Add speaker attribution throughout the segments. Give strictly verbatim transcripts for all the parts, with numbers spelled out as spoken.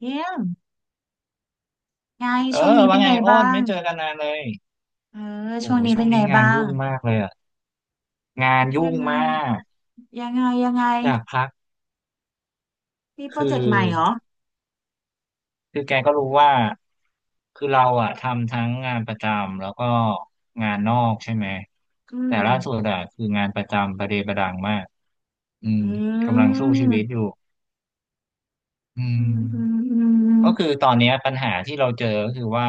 Speaker 1: เยี่ยมไง
Speaker 2: เออ
Speaker 1: ช่วงนี้เป็
Speaker 2: ว่า
Speaker 1: น
Speaker 2: ไง
Speaker 1: ไง
Speaker 2: อ้
Speaker 1: บ้า
Speaker 2: น
Speaker 1: ง
Speaker 2: ไม่เจอกันนานเลย
Speaker 1: เออ
Speaker 2: โอ้
Speaker 1: ช่วง
Speaker 2: โห
Speaker 1: นี้
Speaker 2: ช่
Speaker 1: เป็
Speaker 2: ว
Speaker 1: น
Speaker 2: ง
Speaker 1: ไง
Speaker 2: นี้งา
Speaker 1: บ้า
Speaker 2: น
Speaker 1: ง
Speaker 2: ยุ่งมากเลยอะงานยุ่
Speaker 1: ยั
Speaker 2: ง
Speaker 1: งไง
Speaker 2: มาก
Speaker 1: ยังไงยังไง
Speaker 2: อยากพัก
Speaker 1: มีโปร
Speaker 2: คือ
Speaker 1: เจกต์ใหม่เหรอ
Speaker 2: คือแกก็รู้ว่าคือเราอะทำทั้งงานประจำแล้วก็งานนอกใช่ไหม
Speaker 1: อื
Speaker 2: แต่
Speaker 1: ม
Speaker 2: ล่าสุดอะคืองานประจำประเดประดังมากอืม
Speaker 1: อื
Speaker 2: กำลังสู้ชีวิตอยู่
Speaker 1: ม
Speaker 2: อื
Speaker 1: อื
Speaker 2: ม
Speaker 1: มอื
Speaker 2: ก็คือ
Speaker 1: ม
Speaker 2: ตอนเนี้ยปัญหาที่เราเจอก็คือว่า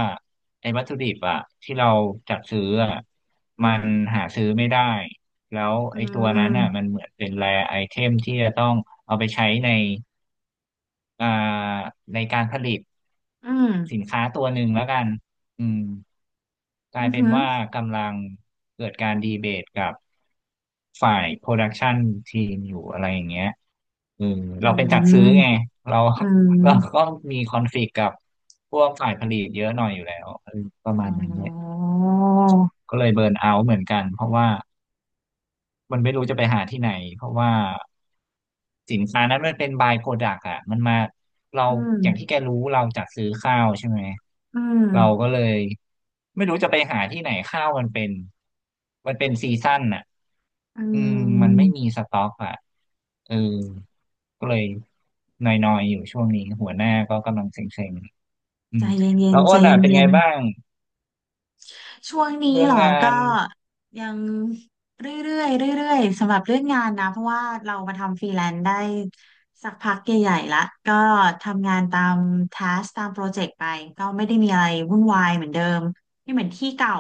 Speaker 2: ไอ้วัตถุดิบอะที่เราจัดซื้ออะ
Speaker 1: อื
Speaker 2: มั
Speaker 1: ม
Speaker 2: นหาซื้อไม่ได้แล้ว
Speaker 1: อื
Speaker 2: ไอ้ตัวนั้นน่ะมั
Speaker 1: ม
Speaker 2: นเหมือนเป็นแรไอเทมที่จะต้องเอาไปใช้ในอ่าในการผลิต
Speaker 1: อืม
Speaker 2: สินค้าตัวหนึ่งแล้วกันอืมก
Speaker 1: อื
Speaker 2: ลายเป็นว่า
Speaker 1: ม
Speaker 2: กำลังเกิดการดีเบตกับฝ่ายโปรดักชันทีมอยู่อะไรอย่างเงี้ย
Speaker 1: อื
Speaker 2: เราเป็นจัดซื้อ
Speaker 1: ม
Speaker 2: ไงเรา
Speaker 1: อืมอืม
Speaker 2: เรา
Speaker 1: อื
Speaker 2: ก็
Speaker 1: ม
Speaker 2: มีคอนฟ lict กับพวกฝ่ายผลิตเยอะหน่อยอยู่แล้วเออประ
Speaker 1: อ๋
Speaker 2: มาณนั้นเนี่ย
Speaker 1: อ
Speaker 2: ก็เลยเบิร์นเอาท์เหมือนกันเพราะว่ามันไม่รู้จะไปหาที่ไหนเพราะว่าสินค้านั้นมันเป็นบายโปรดักต์อะมันมาเรา
Speaker 1: อื
Speaker 2: อย่างที่
Speaker 1: ม
Speaker 2: แกรู้เราจัดซื้อข้าวใช่ไหม
Speaker 1: อืม
Speaker 2: เราก็เลยไม่รู้จะไปหาที่ไหนข้าวมันเป็นมันเป็นซีซั่นอะ
Speaker 1: อื
Speaker 2: อืมมันไม่มี
Speaker 1: ม
Speaker 2: สต็อกอะ เออก็เลยนอยๆอยู่ช่วงนี้หัวหน้าก็กำลังเซ็งๆอื
Speaker 1: ใจ
Speaker 2: ม
Speaker 1: เย็
Speaker 2: แล้
Speaker 1: น
Speaker 2: ว
Speaker 1: ๆ
Speaker 2: อ้
Speaker 1: ใจ
Speaker 2: นอ่ะเป็น
Speaker 1: เย็
Speaker 2: ไง
Speaker 1: น
Speaker 2: บ้าง
Speaker 1: ช่วงนี้
Speaker 2: เรื่อ
Speaker 1: เห
Speaker 2: ง
Speaker 1: รอ
Speaker 2: งา
Speaker 1: ก็
Speaker 2: น
Speaker 1: ยังเรื่อยๆเรื่อยๆสำหรับเรื่องงานนะเพราะว่าเรามาทำฟรีแลนซ์ได้สักพักใหญ่ๆละก็ทำงานตามทัสตามโปรเจกต์ไปก็ไม่ได้มีอะไรวุ่นวายเหมือนเดิมไม่เหมือนที่เก่า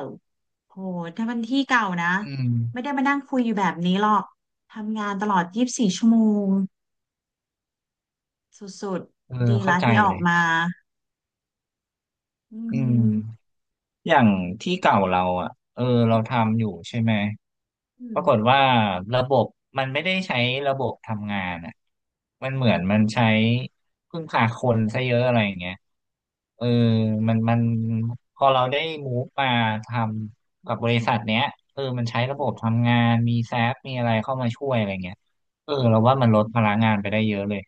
Speaker 1: โหถ้ามันที่เก่านะ
Speaker 2: อืม
Speaker 1: ไม่ได้มานั่งคุยอยู่แบบนี้หรอกทำงานตลอดยี่สิบสี่ชั่วโมงสุด
Speaker 2: เอ
Speaker 1: ๆดี
Speaker 2: อเข้า
Speaker 1: ละ
Speaker 2: ใจ
Speaker 1: ที่ออ
Speaker 2: เล
Speaker 1: ก
Speaker 2: ย
Speaker 1: มาอื
Speaker 2: อืม
Speaker 1: ม
Speaker 2: อย่างที่เก่าเราอ่ะเออเราทำอยู่ใช่ไหม
Speaker 1: อื
Speaker 2: ป
Speaker 1: ม
Speaker 2: รากฏว่าระบบมันไม่ได้ใช้ระบบทำงานอ่ะมัน
Speaker 1: อื
Speaker 2: เหมือนมั
Speaker 1: ม
Speaker 2: นใช้พึ่งพาคนซะเยอะอะไรอย่างเงี้ยเออมันมันพอเราได้มูฟมาทำกับบริษัทเนี้ยเออมันใช้ระบบ
Speaker 1: อื
Speaker 2: ทำงาน มีแซฟมีอะไรเข้ามาช่วยอะไรเงี้ยเออเรา
Speaker 1: ม
Speaker 2: ว่ามันลดพลังงานไปได้เยอะเลย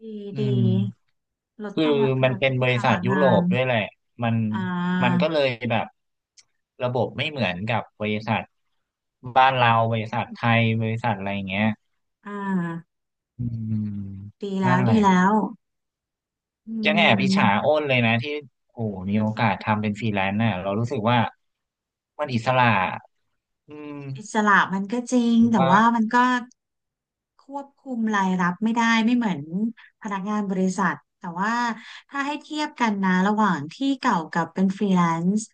Speaker 1: ดี
Speaker 2: อื
Speaker 1: ดี
Speaker 2: ม
Speaker 1: ลด
Speaker 2: คือ
Speaker 1: กำลัง
Speaker 2: มั
Speaker 1: ล
Speaker 2: น
Speaker 1: ด
Speaker 2: เป็นบริ
Speaker 1: ภา
Speaker 2: ษัท
Speaker 1: ระ
Speaker 2: ยุโร
Speaker 1: งาน
Speaker 2: ปด้วยแหละมัน
Speaker 1: อ่
Speaker 2: มันก็
Speaker 1: า
Speaker 2: เลยแบบระบบไม่เหมือนกับบริษัทบ้านเราบริษัทไทยบริษัทอะไรอย่างเงี้ย
Speaker 1: อ่า
Speaker 2: อืม
Speaker 1: ดีแล้
Speaker 2: นั่น
Speaker 1: ว
Speaker 2: แห
Speaker 1: ดี
Speaker 2: ละ
Speaker 1: แล้วอื
Speaker 2: ยังแอบอิจฉา
Speaker 1: ม
Speaker 2: อ้นเลยนะที่โอ้โหมีโอกาสทำเป็นฟรีแลนซ์น่ะเรารู้สึกว่ามันอิสระอื
Speaker 1: อิส
Speaker 2: ม
Speaker 1: ระมันก็จริง
Speaker 2: ถูก
Speaker 1: แต่
Speaker 2: ปะ
Speaker 1: ว่ามันก็ควบคุมรายรับไม่ได้ไม่เหมือนพนักงานบริษัทแต่ว่าถ้าให้เทียบกันนะระหว่างที่เก่ากับเป็นฟรีแลนซ์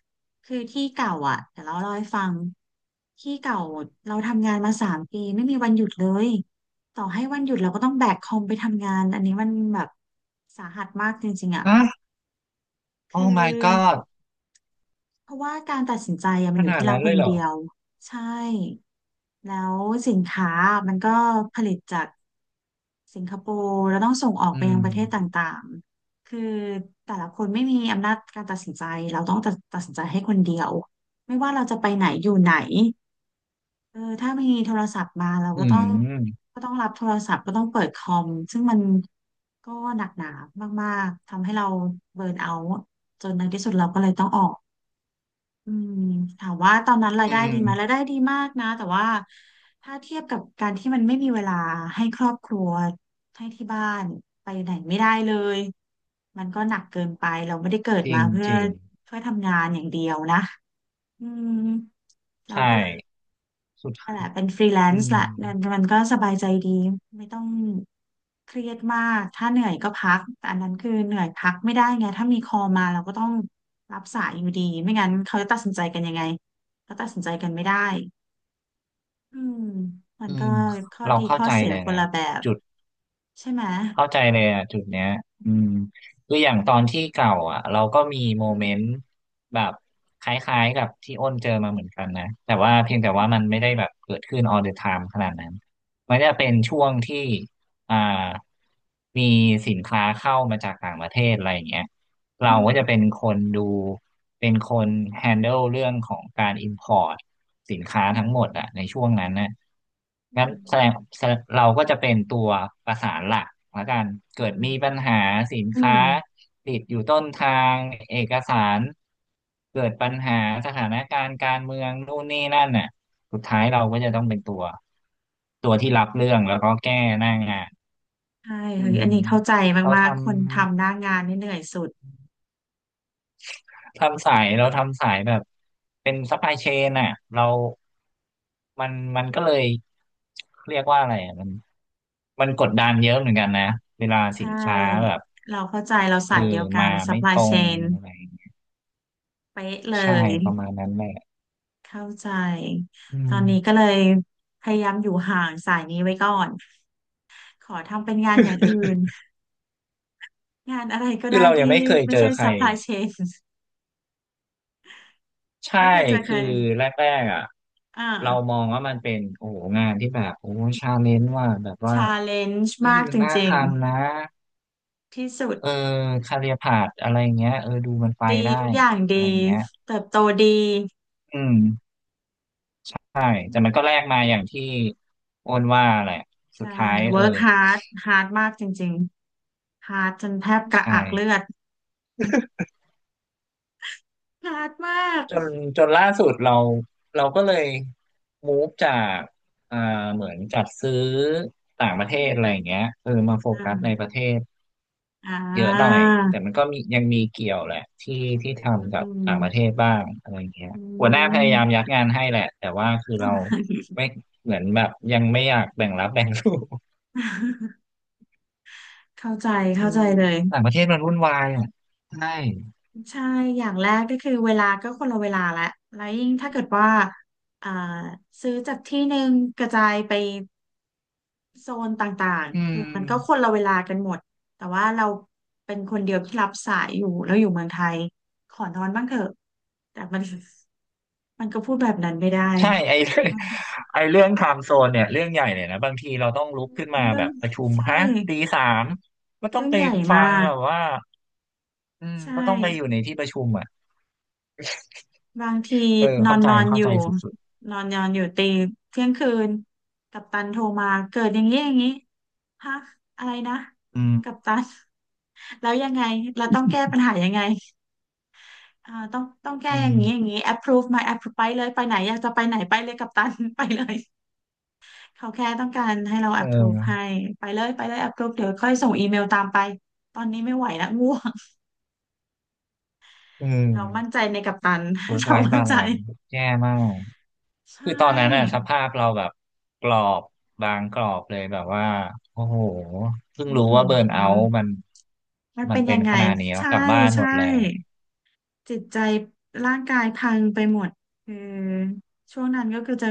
Speaker 1: คือที่เก่าอ่ะเดี๋ยวเราเล่าให้ฟังที่เก่าเราทำงานมาสามปีไม่มีวันหยุดเลยต่อให้วันหยุดเราก็ต้องแบกคอมไปทำงานอันนี้มันแบบสาหัสมากจริงๆอ่ะ
Speaker 2: ฮะ
Speaker 1: คื
Speaker 2: Oh my
Speaker 1: อ
Speaker 2: god
Speaker 1: เพราะว่าการตัดสินใจอะมั
Speaker 2: ข
Speaker 1: นอยู่
Speaker 2: นาด
Speaker 1: ที่เรา
Speaker 2: นั้น
Speaker 1: ค
Speaker 2: เล
Speaker 1: น
Speaker 2: ยเหรอ
Speaker 1: เดียวใช่แล้วสินค้ามันก็ผลิตจากสิงคโปร์แล้วต้องส่งออกไป
Speaker 2: อื
Speaker 1: ยัง
Speaker 2: ม
Speaker 1: ประเทศต่างๆคือแต่ละคนไม่มีอำนาจการตัดสินใจเราต้องตัดตัดสินใจให้คนเดียวไม่ว่าเราจะไปไหนอยู่ไหนเออถ้ามีโทรศัพท์มาเรา
Speaker 2: อื
Speaker 1: ก็ต้อง
Speaker 2: ม
Speaker 1: ก็ต้องรับโทรศัพท์ก็ต้องเปิดคอมซึ่งมันก็หนักหนามากๆทำให้เราเบิร์นเอาท์จนในที่สุดเราก็เลยต้องออก อืมถามว่าตอนนั้นราย
Speaker 2: อื
Speaker 1: ได้
Speaker 2: ม
Speaker 1: ดีไหมรายได้ดีมากนะแต่ว่าถ้าเทียบกับการที่มันไม่มีเวลาให้ครอบครัวให้ที่บ้านไปไหนไม่ได้เลย มันก็หนักเกินไปเราไม่ได้เกิด
Speaker 2: จริ
Speaker 1: มา
Speaker 2: ง
Speaker 1: เพื่
Speaker 2: จ
Speaker 1: อ
Speaker 2: ริง
Speaker 1: เพื่อทำงานอย่างเดียวนะอืมเรา
Speaker 2: ใช่
Speaker 1: ก็เลย
Speaker 2: สุด
Speaker 1: นั่น
Speaker 2: ทา
Speaker 1: แห
Speaker 2: ย
Speaker 1: ละเป็นฟรีแลน
Speaker 2: อื
Speaker 1: ซ์
Speaker 2: ม
Speaker 1: ละนั่นมันก็สบายใจดีไม่ต้องเครียดมากถ้าเหนื่อยก็พักแต่อันนั้นคือเหนื่อยพักไม่ได้ไงถ้ามีคอลมาเราก็ต้องรับสายอยู่ดีไม่งั้นเขาจะตัดสินใจกันยังไงก็ตัดสินใจกันไม่ได้อืมมัน
Speaker 2: อื
Speaker 1: ก็
Speaker 2: ม
Speaker 1: ข้อ
Speaker 2: เรา
Speaker 1: ดี
Speaker 2: เข้า
Speaker 1: ข้อ
Speaker 2: ใจ
Speaker 1: เสีย
Speaker 2: เลย
Speaker 1: คน
Speaker 2: นะ
Speaker 1: ละแบบ
Speaker 2: จุด
Speaker 1: ใช่ไหม
Speaker 2: เข้าใจเลยอ่ะจุดเนี้ยอืมคืออย่างตอนที่เก่าอ่ะเราก็มีโม
Speaker 1: อื
Speaker 2: เม
Speaker 1: ม
Speaker 2: นต์แบบคล้ายๆกับที่อ้นเจอมาเหมือนกันนะแต่ว่าเพียงแต่ว่ามันไม่ได้แบบเกิดขึ้น all the time ขนาดนั้นมันจะเป็นช่วงที่อ่ามีสินค้าเข้ามาจากต่างประเทศอะไรอย่างเงี้ย เรา
Speaker 1: อืม
Speaker 2: ก็จะเป็นคนดูเป็นคน handle เรื่องของการ import สินค้า
Speaker 1: อื
Speaker 2: ทั้งห
Speaker 1: ม
Speaker 2: มดอะในช่วงนั้นนะ
Speaker 1: อื
Speaker 2: งั้น
Speaker 1: ม
Speaker 2: แสดงแสดงเราก็จะเป็นตัวประสานหลักละกัน
Speaker 1: อื
Speaker 2: เกิด
Speaker 1: ม
Speaker 2: มีปัญหาสิน
Speaker 1: อื
Speaker 2: ค้า
Speaker 1: ม
Speaker 2: ติดอยู่ต้นทางเอกสารเกิดปัญหาสถานการณ์การเมืองนู่นนี่นั่นน่ะสุดท้ายเราก็จะต้องเป็นตัวตัวที่รับเรื่องแล้วก็แก้หน้างาน
Speaker 1: ใช่
Speaker 2: อื
Speaker 1: เฮ้ยอั
Speaker 2: ม
Speaker 1: นนี้เข้าใจ
Speaker 2: เรา
Speaker 1: มา
Speaker 2: ท
Speaker 1: กๆคนทำห
Speaker 2: ำ
Speaker 1: น้างานนี่เหนื่อยสุด
Speaker 2: ทำสายเราทำสายแบบเป็นซัพพลายเชนอ่ะเรามันมันก็เลยเรียกว่าอะไรอะมันมันกดดันเยอะเหมือนกันนะเวลา
Speaker 1: ใช
Speaker 2: สินค้าแบ
Speaker 1: ่
Speaker 2: บ
Speaker 1: เราเข้าใจเรา
Speaker 2: เออ
Speaker 1: สายเดียวกั
Speaker 2: มา
Speaker 1: น
Speaker 2: ไม่ต
Speaker 1: Supply
Speaker 2: รง
Speaker 1: Chain
Speaker 2: อะไรอย่างเงี้ย
Speaker 1: เป๊ะเล
Speaker 2: ใช่
Speaker 1: ย
Speaker 2: ประมาณนั้นแหละ
Speaker 1: เข้าใจ
Speaker 2: อื
Speaker 1: ตอ
Speaker 2: ม
Speaker 1: นนี้ก็เลยพยายามอยู่ห่างสายนี้ไว้ก่อนขอทำเป็นงานอย่างอื่น งานอะไรก็
Speaker 2: คือ
Speaker 1: ได้
Speaker 2: เรายัง
Speaker 1: ที่
Speaker 2: ไม่เคย
Speaker 1: ไม่
Speaker 2: เจอ
Speaker 1: ใช่
Speaker 2: ใคร
Speaker 1: Supply Chain
Speaker 2: ใช่
Speaker 1: ไม่เคยเจอใค
Speaker 2: คื
Speaker 1: ร
Speaker 2: อแรกๆอ่ะ
Speaker 1: อ่า
Speaker 2: เรามองว่ามันเป็นโอ้โหงานที่แบบโอ้ชาเลนจ์ว่าแบบว่า
Speaker 1: a l l e n g e
Speaker 2: เฮ้ย
Speaker 1: มาก
Speaker 2: มั
Speaker 1: จ
Speaker 2: นน่าท
Speaker 1: ริง
Speaker 2: ำนะ
Speaker 1: ๆที่สุด
Speaker 2: เออคาเรียพาธอะไรเงี้ยเออดูมันไป
Speaker 1: ดี
Speaker 2: ได้
Speaker 1: ทุกอย่างดี
Speaker 2: อะไรเงี้ย
Speaker 1: เติบโตดี
Speaker 2: อืมใช่แต่มันก็แลกมาอย่างที่โอนว่าแหละสุ
Speaker 1: ใช่
Speaker 2: ดท้ายเออ
Speaker 1: work hard hard มากจริงๆ hard จนแทบกระ
Speaker 2: ใช่
Speaker 1: อักเลือด hard มาก
Speaker 2: จนจนล่าสุดเราเราก็เลยมูฟจากอ่าเหมือนจัดซื้อต่างประเทศอะไรอย่างเงี้ยเออมาโฟกัสใน
Speaker 1: อ่า
Speaker 2: ประเทศ
Speaker 1: อ่
Speaker 2: เยอะหน่อย
Speaker 1: า
Speaker 2: แต่มันก็มียังมีเกี่ยวแหละที่ที่
Speaker 1: อืม
Speaker 2: ทำกั
Speaker 1: อื
Speaker 2: บ
Speaker 1: ม
Speaker 2: ต่างประเทศบ้างอะไรอย่างเงี้ย
Speaker 1: อื
Speaker 2: หัวหน้าพยายามยั
Speaker 1: ม
Speaker 2: ดงานให้แหละแต่ว่าคือ
Speaker 1: อ่
Speaker 2: เรา
Speaker 1: า
Speaker 2: ไม่เหมือนแบบยังไม่อยากแบ่งรับแบ่งสู้
Speaker 1: เข้าใจ
Speaker 2: อื
Speaker 1: เข้าใจ
Speaker 2: ม
Speaker 1: เลย
Speaker 2: ต่างประเทศมันวุ่นวายอ่ะใช่
Speaker 1: ใช่อย่างแรกก็คือเวลาก็คนละเวลาและแล้วยิ่งถ้าเกิดว่าอ่าซื้อจากที่หนึ่งกระจายไปโซนต่าง
Speaker 2: อื
Speaker 1: ๆคือมันก็ค
Speaker 2: ม
Speaker 1: นละเวลากันหมดแต่ว่าเราเป็นคนเดียวที่รับสายอยู่แล้วอยู่เมืองไทยขอนอนบ้างเถอะแต่มันมันก็พูดแบบนั้นไม่ได้
Speaker 2: ใช่ไอ้ เรื่องไอ้เรื่องไทม์โซนเนี่ยเรื่องใหญ่เลยนะบางทีเราต้องลุกขึ้น มา
Speaker 1: เรื่อ
Speaker 2: แบ
Speaker 1: ง
Speaker 2: บประชุม
Speaker 1: ใช่
Speaker 2: ฮะตีสามก็ต้อ
Speaker 1: เรื่
Speaker 2: ง
Speaker 1: อง
Speaker 2: ไป
Speaker 1: ใหญ่
Speaker 2: ฟัง
Speaker 1: มาก
Speaker 2: แบบว่าอืม
Speaker 1: ใช่
Speaker 2: ก็ต้องไปอยู่ในที่ประชุมอ่ะ
Speaker 1: บางที
Speaker 2: เออ
Speaker 1: นอ
Speaker 2: เข้า
Speaker 1: น
Speaker 2: ใจ
Speaker 1: นอนอ
Speaker 2: เข้า
Speaker 1: ยู่
Speaker 2: ใจสุด
Speaker 1: นอนนอนอยู่ตีเที่ยงคืนกัปตันโทรมาเกิดอย่างนี้อย่างนี้ฮะอะไรนะ
Speaker 2: ๆอืม
Speaker 1: กัปตัน แล้วยังไงเราต้องแก้ปัญหายังไงอ่าต้องต้องแก้
Speaker 2: อื
Speaker 1: อย่าง
Speaker 2: ม
Speaker 1: นี้อย่างนี้ approve มา approve ไปเลยไปไหนอยากจะไปไหนไปเลยกัปตัน ไปเลยเขาแค่ต้องการให้เรา
Speaker 2: เ
Speaker 1: approve ให้
Speaker 2: ออ
Speaker 1: ไปเลยไปเลย approve เดี๋ยวค่อยส่งอีเมลตามไปตอนนี้ไม่ไหวแล้ว ง่วง
Speaker 2: อื
Speaker 1: เรามั่นใจ
Speaker 2: ม
Speaker 1: ในกัปตัน
Speaker 2: เวิ ร์ก
Speaker 1: เรา
Speaker 2: ไลฟ์
Speaker 1: มั่น
Speaker 2: บา
Speaker 1: ใจ
Speaker 2: ลานซ์แย่มาก
Speaker 1: ใช
Speaker 2: คือตอนนั้นน่ะส
Speaker 1: ่
Speaker 2: ภาพเราแบบกรอบบางกรอบเลยแบบว่าโอ้โหเพิ่ง
Speaker 1: อือ
Speaker 2: รู้
Speaker 1: หื
Speaker 2: ว่าเบิร์นเอา
Speaker 1: อ
Speaker 2: ท์มัน
Speaker 1: มัน
Speaker 2: มั
Speaker 1: เป็
Speaker 2: น
Speaker 1: น
Speaker 2: เป็
Speaker 1: ยั
Speaker 2: น
Speaker 1: งไง
Speaker 2: ขนาดนี้แล้ว
Speaker 1: ใช่
Speaker 2: กลับบ้านหม
Speaker 1: ใช่
Speaker 2: ดเลย
Speaker 1: จิตใจร่างกายพังไปหมดคือช่วงนั้นก็คือจะ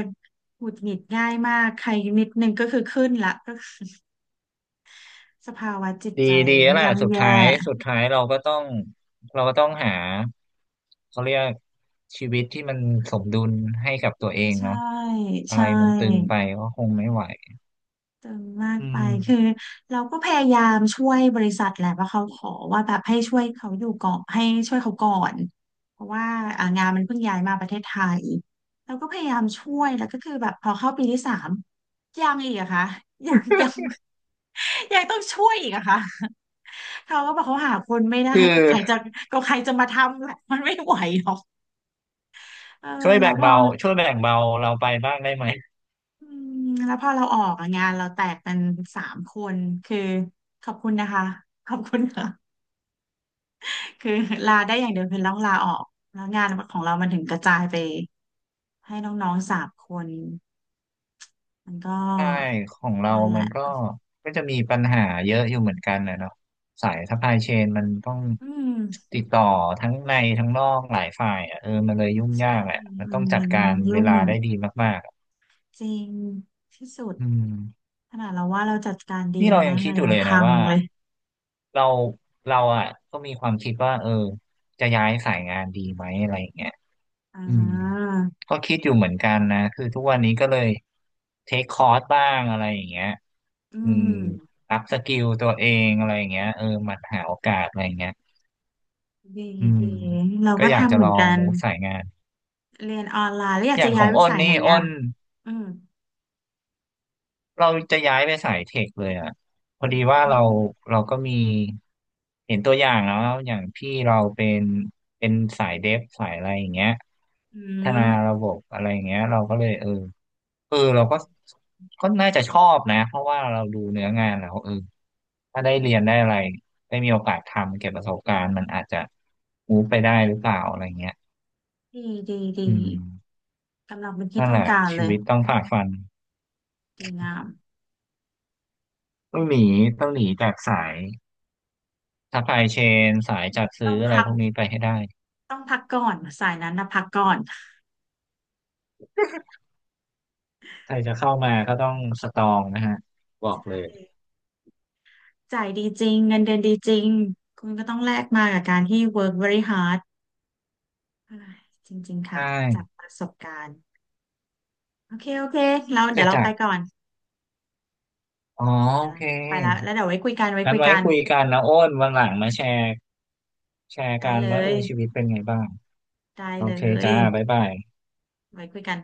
Speaker 1: หงุดหงิดง่ายมากใครนิดนึงก็คือขึ้นละ ก็คือสภาวะจิต
Speaker 2: ดี
Speaker 1: ใจ
Speaker 2: ดีแล้วแหละสุ
Speaker 1: ย่ำ
Speaker 2: ดท้า
Speaker 1: แย่
Speaker 2: ยสุดท้ายเราก็ต้องเราก็ต้องหาเขาเรียกชีวิตที่มันสมดุลให้กับตัวเอง
Speaker 1: ใช่
Speaker 2: เนาะอะไร
Speaker 1: ใช่
Speaker 2: มันตึงไปก็คงไม่ไหว
Speaker 1: ตึงมาก
Speaker 2: อื
Speaker 1: ไปคือ
Speaker 2: ม
Speaker 1: เราก็พยายามช่วยบริษัทแหละว่าเขาขอว่าแบบให้ช่วยเขาอยู่ก่อนให้ช่วยเขาก่อนเพราะว่าอ่างานมันเพิ่งย้ายมาประเทศไทยเราก็พยายามช่วยแล้วก็คือแบบพอเข้าปีที่สามยังอีกอะคะยังยังยังต้องช่วยอีกอะค่ะเขาก็บอกเขาหาคนไม่ได้
Speaker 2: คือ
Speaker 1: ก็ใครจะก็ใครจะมาทำแหละมันไม่ไหวหรอกเออ
Speaker 2: ช่วย
Speaker 1: แล้
Speaker 2: แบ่
Speaker 1: ว
Speaker 2: ง
Speaker 1: พอ
Speaker 2: เบาช่วยแบ่งเบาเราไปบ้างได้ไหม
Speaker 1: อืมแล้วพอเราออกอะงานเราแตกเป็นสามคนคือขอบคุณนะคะขอบคุณค่ะ คือลาได้อย่างเดียวคือต้องลาออกแล้วงานของเรามันถึงกระจายไปให้น้องๆสามคนมันก็
Speaker 2: ใช่ของเรา
Speaker 1: นั่นแห
Speaker 2: มั
Speaker 1: ละ
Speaker 2: นก็ก็จะมีปัญหาเยอะอยู่เหมือนกันนะเนาะสายซัพพลายเชนมันต้อง
Speaker 1: อืม
Speaker 2: ติดต่อทั้งในทั้งนอกหลายฝ่ายอ่ะเออมันเลยยุ่งยากแหละมัน
Speaker 1: มั
Speaker 2: ต้อ
Speaker 1: น
Speaker 2: งจัด
Speaker 1: มัน
Speaker 2: การเว
Speaker 1: ยุ่ง
Speaker 2: ลาได้ดีมากๆอะ
Speaker 1: จริงที่สุด
Speaker 2: อืม
Speaker 1: ขนาดเราว่าเราจัดการดี
Speaker 2: นี่
Speaker 1: แล้
Speaker 2: เรา
Speaker 1: ว
Speaker 2: ยัง
Speaker 1: นะ
Speaker 2: คิด
Speaker 1: เรา
Speaker 2: อยู่
Speaker 1: ยัง
Speaker 2: เลยนะ
Speaker 1: พัง
Speaker 2: ว่า
Speaker 1: เลย
Speaker 2: เราเราอ่ะก็มีความคิดว่าเออจะย้ายสายงานดีไหมอะไรอย่างเงี้ย
Speaker 1: อ่
Speaker 2: อืม
Speaker 1: า
Speaker 2: ก็คิดอยู่เหมือนกันนะคือทุกวันนี้ก็เลยเทคคอร์สบ้างอะไรอย่างเงี้ย
Speaker 1: อื
Speaker 2: อืม
Speaker 1: ม
Speaker 2: อัพสกิลตัวเองอะไรอย่างเงี้ยเออหมันหาโอกาสอะไรอย่างเงี้ย
Speaker 1: ดี
Speaker 2: อืม
Speaker 1: ดีเรา
Speaker 2: ก็
Speaker 1: ก็
Speaker 2: อยาก
Speaker 1: ทำ
Speaker 2: จะ
Speaker 1: เห
Speaker 2: ล
Speaker 1: มื
Speaker 2: อ
Speaker 1: อน
Speaker 2: ง
Speaker 1: กัน
Speaker 2: มูฟสายงาน
Speaker 1: เรียนออนไลน์แล้วอยา
Speaker 2: อ
Speaker 1: กจะ
Speaker 2: ย่างข
Speaker 1: ย้า
Speaker 2: อ
Speaker 1: ย
Speaker 2: ง
Speaker 1: ไป
Speaker 2: อ้น
Speaker 1: สายไหน
Speaker 2: นี่อ้
Speaker 1: อ่ะ
Speaker 2: น
Speaker 1: อืม
Speaker 2: เราจะย้ายไปสายเทคเลยอ่ะพอ
Speaker 1: อ
Speaker 2: ดีว่า
Speaker 1: ื
Speaker 2: เรา
Speaker 1: ม
Speaker 2: เราก็มีเห็นตัวอย่างแล้วอย่างพี่เราเป็นเป็นสายเดฟสายอะไรอย่างเงี้ย
Speaker 1: อื
Speaker 2: พัฒนา
Speaker 1: ม
Speaker 2: ระบบอะไรอย่างเงี้ยเราก็เลยเออ เออเราก็ก็น่าจะชอบนะเพราะว่าเราดูเนื้องานแล้วเออถ้าได้เรียนได้อะไรได้มีโอกาสทำเก็บประสบการณ์มันอาจจะมูฟไปได้หรือเปล่าอะไรเงี้ย
Speaker 1: ดีดีดี
Speaker 2: อืม
Speaker 1: กำลังเป็นที่
Speaker 2: นั่น
Speaker 1: ต้อ
Speaker 2: แห
Speaker 1: ง
Speaker 2: ละ
Speaker 1: การ
Speaker 2: ชี
Speaker 1: เลย
Speaker 2: วิตต้องฝ่าฟัน
Speaker 1: ดีงาม
Speaker 2: ต้องหนีต้องหนีจากสายซัพพลายเชนสายจัด
Speaker 1: ต้
Speaker 2: ซื้
Speaker 1: อ
Speaker 2: อ
Speaker 1: ง
Speaker 2: อะไร
Speaker 1: พัก
Speaker 2: พวกนี้ไปให้ได้
Speaker 1: ต้องพักก่อนสายนั้นนะพักก่อน
Speaker 2: ใครจะเข้ามาก็ต้องสตรองนะฮะบอกเลย
Speaker 1: จ่ายดีจริงเงินเดือนดีจริงคุณก็ต้องแลกมากับการที่ work very hard อ่าจริงๆ
Speaker 2: ใช
Speaker 1: ค่ะจาก
Speaker 2: ่
Speaker 1: ประสบการณ์โอเคโอเคเราเดี๋
Speaker 2: จะ
Speaker 1: ยวเรา
Speaker 2: จั
Speaker 1: ไป
Speaker 2: กร
Speaker 1: ก่อน
Speaker 2: อ๋อ
Speaker 1: เดี๋
Speaker 2: โอ
Speaker 1: ยวเรา
Speaker 2: เค
Speaker 1: ไปแล้วแล้วเดี๋ยวไว้คุยกันไว้
Speaker 2: งั้
Speaker 1: คุ
Speaker 2: น
Speaker 1: ย
Speaker 2: ไว้
Speaker 1: กัน
Speaker 2: คุยกันนะโอ้นวันหลังมาแชร์แชร์
Speaker 1: ได้
Speaker 2: กัน
Speaker 1: เล
Speaker 2: ว่าเอ
Speaker 1: ย
Speaker 2: อชีวิตเป็นไงบ้าง
Speaker 1: ได้
Speaker 2: โอ
Speaker 1: เล
Speaker 2: เคจ้า
Speaker 1: ย
Speaker 2: บ๊ายบาย
Speaker 1: ไว้คุยกัน